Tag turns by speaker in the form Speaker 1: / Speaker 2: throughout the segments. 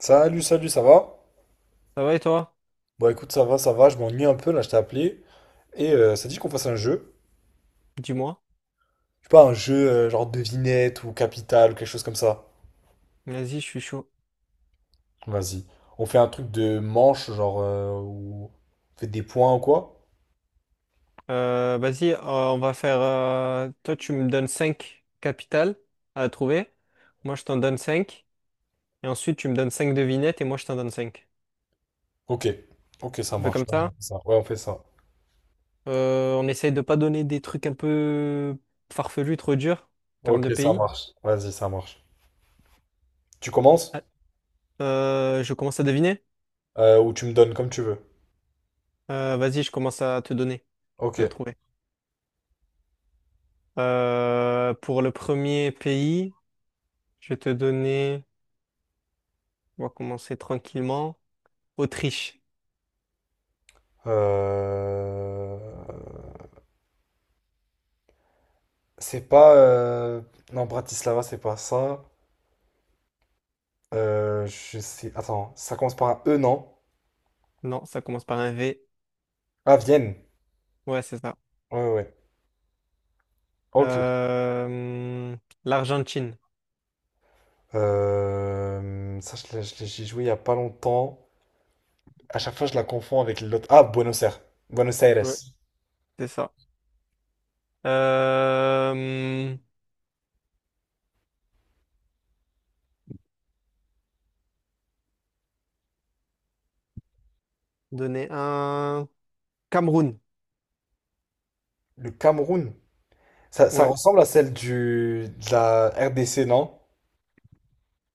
Speaker 1: Salut, salut, ça va?
Speaker 2: Ça va et toi?
Speaker 1: Bon, écoute, ça va, je m'ennuie un peu, là, je t'ai appelé. Et ça dit qu'on fasse un jeu.
Speaker 2: Dis-moi.
Speaker 1: Je sais pas, un jeu genre devinette ou capital ou quelque chose comme ça.
Speaker 2: Vas-y, je suis chaud.
Speaker 1: Vas-y. On fait un truc de manche, genre, où on fait des points ou quoi?
Speaker 2: Vas-y, on va faire. Toi, tu me donnes 5 capitales à trouver. Moi, je t'en donne 5. Et ensuite, tu me donnes 5 devinettes et moi, je t'en donne cinq.
Speaker 1: Ok. Ok, ça
Speaker 2: On fait
Speaker 1: marche.
Speaker 2: comme
Speaker 1: Vas-y, on
Speaker 2: ça.
Speaker 1: fait ça. Ouais, on fait ça.
Speaker 2: On essaye de pas donner des trucs un peu farfelus, trop durs, en termes
Speaker 1: Ok,
Speaker 2: de
Speaker 1: ça
Speaker 2: pays.
Speaker 1: marche. Vas-y, ça marche. Tu commences?
Speaker 2: Ah, je commence à deviner.
Speaker 1: Ou tu me donnes comme tu veux.
Speaker 2: Vas-y, je commence à te donner. Tu
Speaker 1: Ok.
Speaker 2: dois trouver. Pour le premier pays, je vais te donner. On va commencer tranquillement. Autriche.
Speaker 1: Euh... C'est pas... Non, Bratislava, c'est pas ça. Je sais. Attends, ça commence par un E, non?
Speaker 2: Non, ça commence par un V.
Speaker 1: Ah, Vienne.
Speaker 2: Ouais, c'est ça.
Speaker 1: Ouais, ouais, ouais. Ok.
Speaker 2: Euh, L'Argentine.
Speaker 1: Ça, j'y joué il y a pas longtemps. À chaque fois, je la confonds avec l'autre. Ah, Buenos Aires. Buenos Aires.
Speaker 2: Ouais. C'est ça. Euh, Donner un Cameroun.
Speaker 1: Le Cameroun. Ça
Speaker 2: Ouais.
Speaker 1: ressemble à celle de la RDC, non?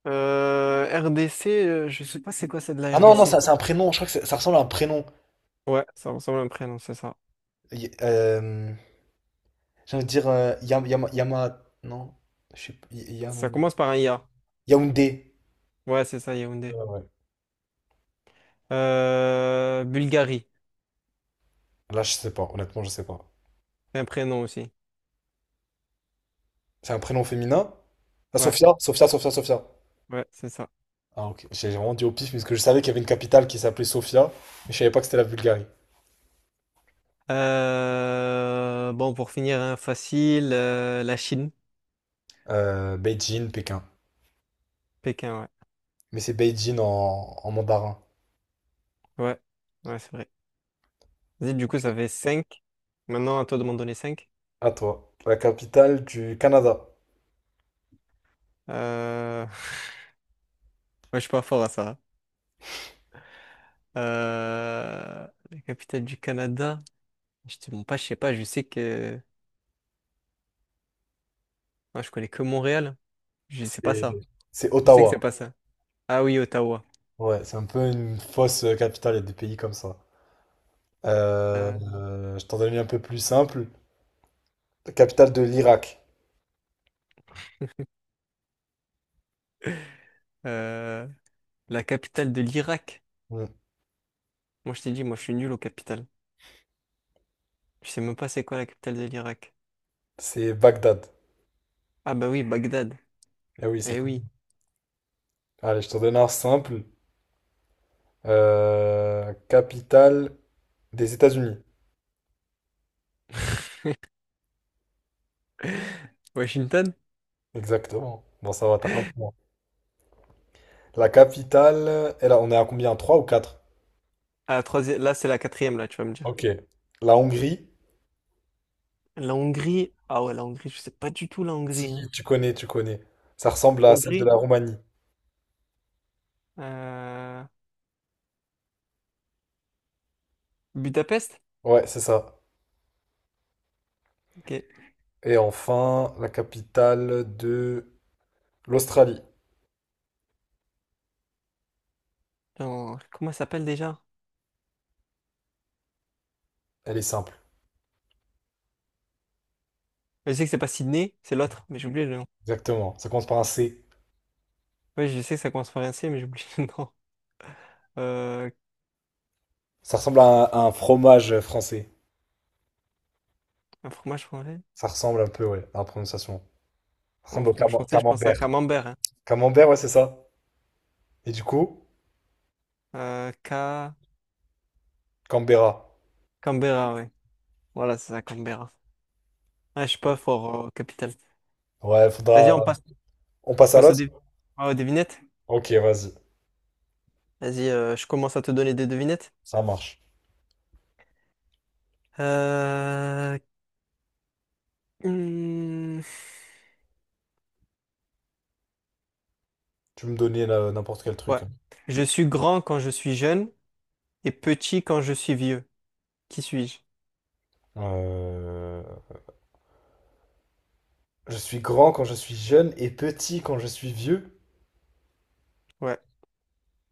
Speaker 2: RDC, je sais pas c'est quoi c'est de
Speaker 1: Ah
Speaker 2: la
Speaker 1: non, non,
Speaker 2: RDC.
Speaker 1: ça, c'est un prénom. Je crois que ça ressemble à un prénom.
Speaker 2: Ouais, ça ressemble à un prénom, c'est ça.
Speaker 1: Y- Euh, j'ai envie de dire Non. Je sais pas.
Speaker 2: Ça commence par un IA.
Speaker 1: Yaoundé.
Speaker 2: Ouais, c'est ça,
Speaker 1: Ouais,
Speaker 2: Yaoundé.
Speaker 1: ouais.
Speaker 2: Bulgarie,
Speaker 1: Là, je sais pas. Honnêtement, je sais pas.
Speaker 2: un prénom aussi.
Speaker 1: C'est un prénom féminin? Ah,
Speaker 2: Ouais,
Speaker 1: Sofia, Sofia, Sofia, Sofia.
Speaker 2: ouais, c'est ça.
Speaker 1: Ah, ok. J'ai vraiment dit au pif, parce que je savais qu'il y avait une capitale qui s'appelait Sofia, mais je savais pas que c'était la Bulgarie.
Speaker 2: Bon, pour finir, hein, facile, la Chine.
Speaker 1: Beijing, Pékin.
Speaker 2: Pékin, ouais.
Speaker 1: Mais c'est Beijing en mandarin.
Speaker 2: Ouais, ouais, c'est vrai. Vas-y, du coup, ça fait 5. Maintenant, à toi de m'en donner 5.
Speaker 1: À toi. La capitale du Canada.
Speaker 2: Euh... Moi, je suis pas fort à ça, hein. La capitale du Canada. Je te bon, pas, je sais pas, je sais que... Moi, je connais que Montréal. Je sais pas
Speaker 1: C'est
Speaker 2: ça.
Speaker 1: c'est
Speaker 2: Je sais que c'est
Speaker 1: Ottawa.
Speaker 2: pas ça. Ah oui, Ottawa.
Speaker 1: Ouais, c'est un peu une fausse capitale, il y a des pays comme ça.
Speaker 2: Euh...
Speaker 1: Je t'en donne une un peu plus simple. La capitale de l'Irak.
Speaker 2: euh, La capitale de l'Irak.
Speaker 1: Hmm.
Speaker 2: Moi, je t'ai dit, moi, je suis nul aux capitales. Je sais même pas c'est quoi la capitale de l'Irak.
Speaker 1: C'est Bagdad.
Speaker 2: Ah bah oui, Bagdad.
Speaker 1: Eh oui, c'est
Speaker 2: Eh
Speaker 1: cool.
Speaker 2: oui.
Speaker 1: Allez, je t'en donne un simple. Capitale des États-Unis.
Speaker 2: Washington?
Speaker 1: Exactement. Bon, ça va, t'as un point. La capitale, on est à combien? 3 ou quatre.
Speaker 2: Ah, troisième... Là, c'est la quatrième, là, tu vas me dire.
Speaker 1: Ok. La Hongrie,
Speaker 2: La Hongrie, ah ouais, la Hongrie, je sais pas du tout la Hongrie, hein.
Speaker 1: si tu connais, tu connais. Ça
Speaker 2: La
Speaker 1: ressemble à celle de
Speaker 2: Hongrie,
Speaker 1: la Roumanie.
Speaker 2: euh, Budapest?
Speaker 1: Ouais, c'est ça.
Speaker 2: Ok.
Speaker 1: Et enfin, la capitale de l'Australie.
Speaker 2: Non, comment ça s'appelle déjà?
Speaker 1: Elle est simple.
Speaker 2: Je sais que c'est pas Sydney, c'est l'autre, mais j'ai oublié le nom.
Speaker 1: Exactement. Ça commence par un C.
Speaker 2: Ouais, je sais que ça commence par un C, mais j'ai oublié le nom. Euh,
Speaker 1: Ça ressemble à à un fromage français.
Speaker 2: un fromage français?
Speaker 1: Ça ressemble un peu, ouais, à la prononciation. Ça
Speaker 2: Un
Speaker 1: ressemble au
Speaker 2: fromage français, je pense à
Speaker 1: camembert.
Speaker 2: Camembert, hein.
Speaker 1: Camembert, ouais, c'est ça. Et du coup,
Speaker 2: Euh, Ca-
Speaker 1: Canberra.
Speaker 2: Canberra, ouais. Voilà, c'est ça, Canberra. Ah, je suis pas fort capital.
Speaker 1: Ouais,
Speaker 2: Vas-y,
Speaker 1: faudra.
Speaker 2: on passe,
Speaker 1: On passe à
Speaker 2: passe aux,
Speaker 1: l'autre?
Speaker 2: dé- aux devinettes.
Speaker 1: Ok, vas-y.
Speaker 2: Vas-y, je commence à te donner des devinettes.
Speaker 1: Ça marche.
Speaker 2: Euh... hmm.
Speaker 1: Tu me donnais là, n'importe quel
Speaker 2: Ouais.
Speaker 1: truc, hein.
Speaker 2: Je suis grand quand je suis jeune et petit quand je suis vieux. Qui suis-je?
Speaker 1: Euh, je suis grand quand je suis jeune et petit quand je suis vieux.
Speaker 2: Ouais.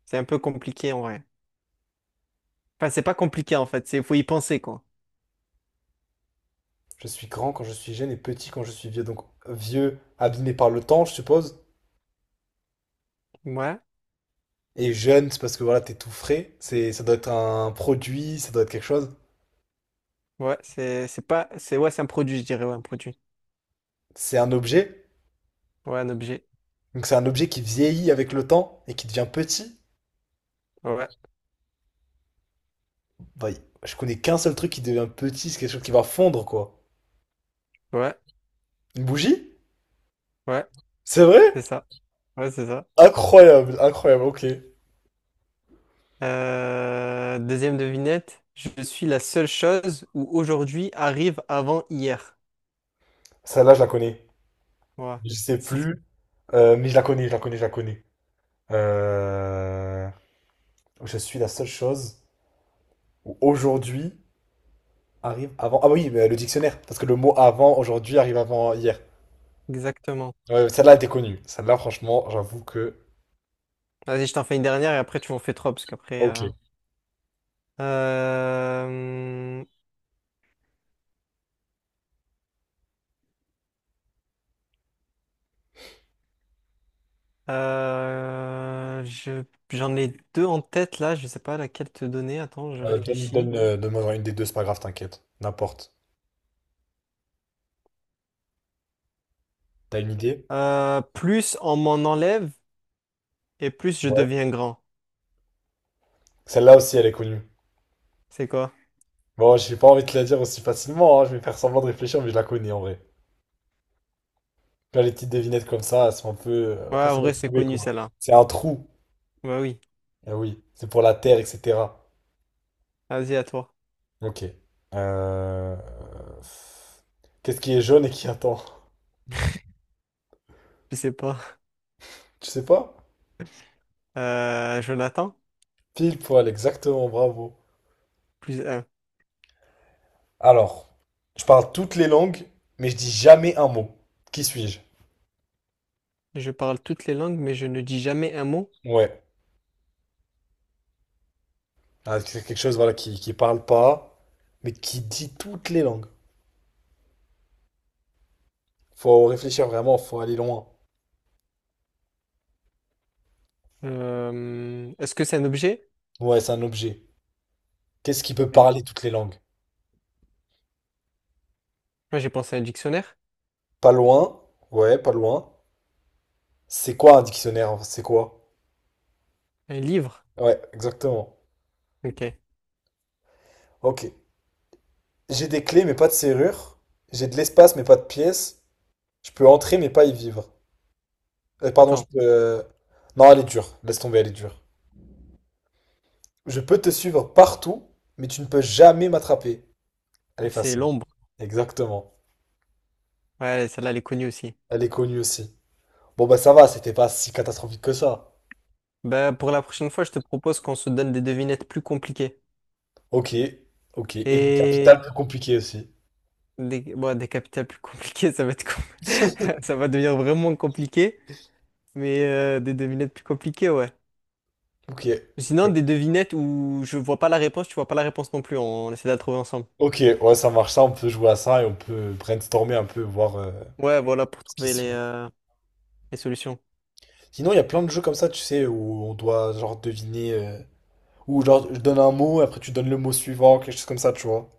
Speaker 2: C'est un peu compliqué en vrai. Enfin, c'est pas compliqué en fait, c'est faut y penser quoi.
Speaker 1: Je suis grand quand je suis jeune et petit quand je suis vieux. Donc vieux, abîmé par le temps, je suppose.
Speaker 2: Ouais.
Speaker 1: Et jeune, c'est parce que voilà, t'es tout frais. Ça doit être un produit, ça doit être quelque chose.
Speaker 2: Ouais, c'est pas c'est ouais, c'est un produit, je dirais, ouais, un produit.
Speaker 1: C'est un objet.
Speaker 2: Ouais, un objet.
Speaker 1: Donc c'est un objet qui vieillit avec le temps et qui devient petit.
Speaker 2: Ouais.
Speaker 1: Bah, je connais qu'un seul truc qui devient petit, c'est quelque chose qui va fondre, quoi.
Speaker 2: Ouais.
Speaker 1: Une bougie?
Speaker 2: Ouais,
Speaker 1: C'est vrai?
Speaker 2: c'est ça. Ouais, c'est ça.
Speaker 1: Incroyable, incroyable, ok.
Speaker 2: Deuxième devinette, je suis la seule chose où aujourd'hui arrive avant hier.
Speaker 1: Celle-là, je la connais.
Speaker 2: Ouais.
Speaker 1: Je sais
Speaker 2: Si-
Speaker 1: plus. Mais je la connais, je la connais, je la connais. Euh, Je suis la seule chose où aujourd'hui arrive avant. Ah oui, mais le dictionnaire. Parce que le mot avant aujourd'hui arrive avant hier.
Speaker 2: Exactement.
Speaker 1: Ouais, celle-là était connue. Celle-là, franchement, j'avoue que.
Speaker 2: Vas-y, je t'en fais une dernière et après tu m'en fais trois parce qu'après
Speaker 1: Ok.
Speaker 2: Euh, euh, je- j'en ai deux en tête là, je sais pas laquelle te donner. Attends, je
Speaker 1: Donne,
Speaker 2: réfléchis.
Speaker 1: donne, donne-moi une des deux, c'est pas grave, t'inquiète. N'importe. T'as une idée?
Speaker 2: Plus on m'en enlève et plus je
Speaker 1: Ouais.
Speaker 2: deviens grand.
Speaker 1: Celle-là aussi, elle est connue.
Speaker 2: C'est quoi?
Speaker 1: Bon, j'ai pas envie de te la dire aussi facilement, hein. Je vais faire semblant de réfléchir, mais je la connais en vrai. Là, les petites devinettes comme ça, elles sont un peu
Speaker 2: Ouais, en
Speaker 1: faciles à
Speaker 2: vrai, c'est
Speaker 1: trouver,
Speaker 2: connu
Speaker 1: quoi.
Speaker 2: celle-là.
Speaker 1: C'est un trou.
Speaker 2: Bah oui,
Speaker 1: Ah oui, c'est pour la terre, etc.
Speaker 2: vas-y à toi.
Speaker 1: Ok. Euh, qu'est-ce qui est jaune et qui attend?
Speaker 2: Je sais pas.
Speaker 1: Tu sais pas?
Speaker 2: Jonathan,
Speaker 1: Pile poil, exactement, bravo.
Speaker 2: plus un.
Speaker 1: Alors, je parle toutes les langues, mais je dis jamais un mot. Qui suis-je?
Speaker 2: Je parle toutes les langues, mais je ne dis jamais un mot.
Speaker 1: Ouais. Ah, c'est quelque chose, voilà, qui parle pas, mais qui dit toutes les langues. Faut réfléchir vraiment, faut aller loin.
Speaker 2: Est-ce que c'est un objet?
Speaker 1: Ouais, c'est un objet. Qu'est-ce qui peut
Speaker 2: Moi,
Speaker 1: parler toutes les langues?
Speaker 2: j'ai pensé à un dictionnaire.
Speaker 1: Pas loin. Ouais, pas loin. C'est quoi un dictionnaire? C'est quoi?
Speaker 2: Un livre.
Speaker 1: Ouais, exactement.
Speaker 2: Ok.
Speaker 1: Ok. J'ai des clés mais pas de serrure. J'ai de l'espace mais pas de pièces. Je peux entrer mais pas y vivre. Pardon, je
Speaker 2: Attends,
Speaker 1: peux... Non, elle est dure. Laisse tomber, elle est dure. Je peux te suivre partout, mais tu ne peux jamais m'attraper. Elle est
Speaker 2: c'est
Speaker 1: facile.
Speaker 2: l'ombre.
Speaker 1: Exactement.
Speaker 2: Ouais, celle-là, elle est connue aussi.
Speaker 1: Elle est connue aussi. Bon bah ça va, c'était pas si catastrophique que ça.
Speaker 2: Bah, pour la prochaine fois, je te propose qu'on se donne des devinettes plus compliquées.
Speaker 1: Ok, ok. Et des capitales
Speaker 2: Et
Speaker 1: plus compliquées aussi.
Speaker 2: des, bon, des capitales plus compliquées, ça va être com- ça va devenir vraiment compliqué. Mais des devinettes plus compliquées, ouais.
Speaker 1: Ok.
Speaker 2: Sinon, des devinettes où je vois pas la réponse, tu vois pas la réponse non plus. On essaie de la trouver ensemble.
Speaker 1: Ok, ouais, ça marche ça, on peut jouer à ça et on peut brainstormer un peu, voir
Speaker 2: Ouais, voilà, pour
Speaker 1: ce qui
Speaker 2: trouver
Speaker 1: se
Speaker 2: les,
Speaker 1: fait.
Speaker 2: euh, les solutions.
Speaker 1: Sinon, il y a plein de jeux comme ça, tu sais, où on doit genre deviner. Ou genre, je donne un mot, après tu donnes le mot suivant, quelque chose comme ça, tu vois.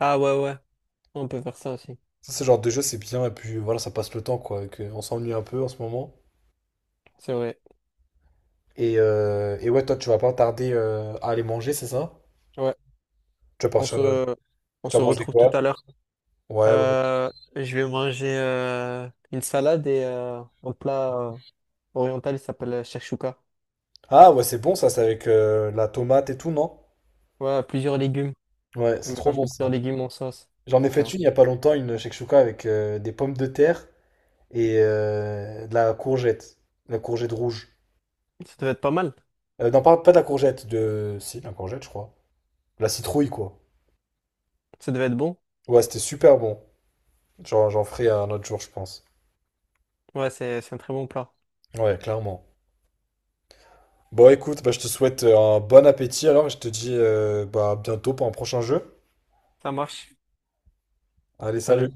Speaker 2: Ah ouais, ouais, on peut faire ça aussi.
Speaker 1: Ça, c'est genre de jeu, c'est bien, et puis voilà, ça passe le temps, quoi. On s'ennuie un peu en ce moment.
Speaker 2: C'est vrai.
Speaker 1: Et ouais, toi, tu vas pas tarder à aller manger, c'est ça?
Speaker 2: Ouais,
Speaker 1: Tu vas
Speaker 2: on
Speaker 1: partir,
Speaker 2: se, on
Speaker 1: tu vas
Speaker 2: se
Speaker 1: manger
Speaker 2: retrouve tout
Speaker 1: quoi?
Speaker 2: à l'heure.
Speaker 1: Ouais, ouais.
Speaker 2: Euh, je vais manger une salade et un plat, oriental, ça s'appelle shakshuka.
Speaker 1: Ah, ouais, c'est bon, ça, c'est avec la tomate et tout, non?
Speaker 2: Ouais, plusieurs légumes.
Speaker 1: Ouais,
Speaker 2: On
Speaker 1: c'est trop
Speaker 2: mélange
Speaker 1: bon,
Speaker 2: de
Speaker 1: ça.
Speaker 2: plusieurs légumes en sauce,
Speaker 1: J'en ai fait
Speaker 2: etc.
Speaker 1: une il y a pas longtemps, une shakshuka avec des pommes de terre et de la courgette. La courgette rouge.
Speaker 2: Ça devait être pas mal.
Speaker 1: Pas de la courgette, de... Si, de la courgette, je crois. La citrouille, quoi.
Speaker 2: Ça devait être bon.
Speaker 1: Ouais, c'était super bon. Genre, j'en ferai un autre jour, je pense.
Speaker 2: Ouais, c'est un très bon plat.
Speaker 1: Ouais, clairement. Bon, écoute, bah, je te souhaite un bon appétit alors et je te dis bah, à bientôt pour un prochain jeu.
Speaker 2: Ça marche.
Speaker 1: Allez, salut!
Speaker 2: Salut.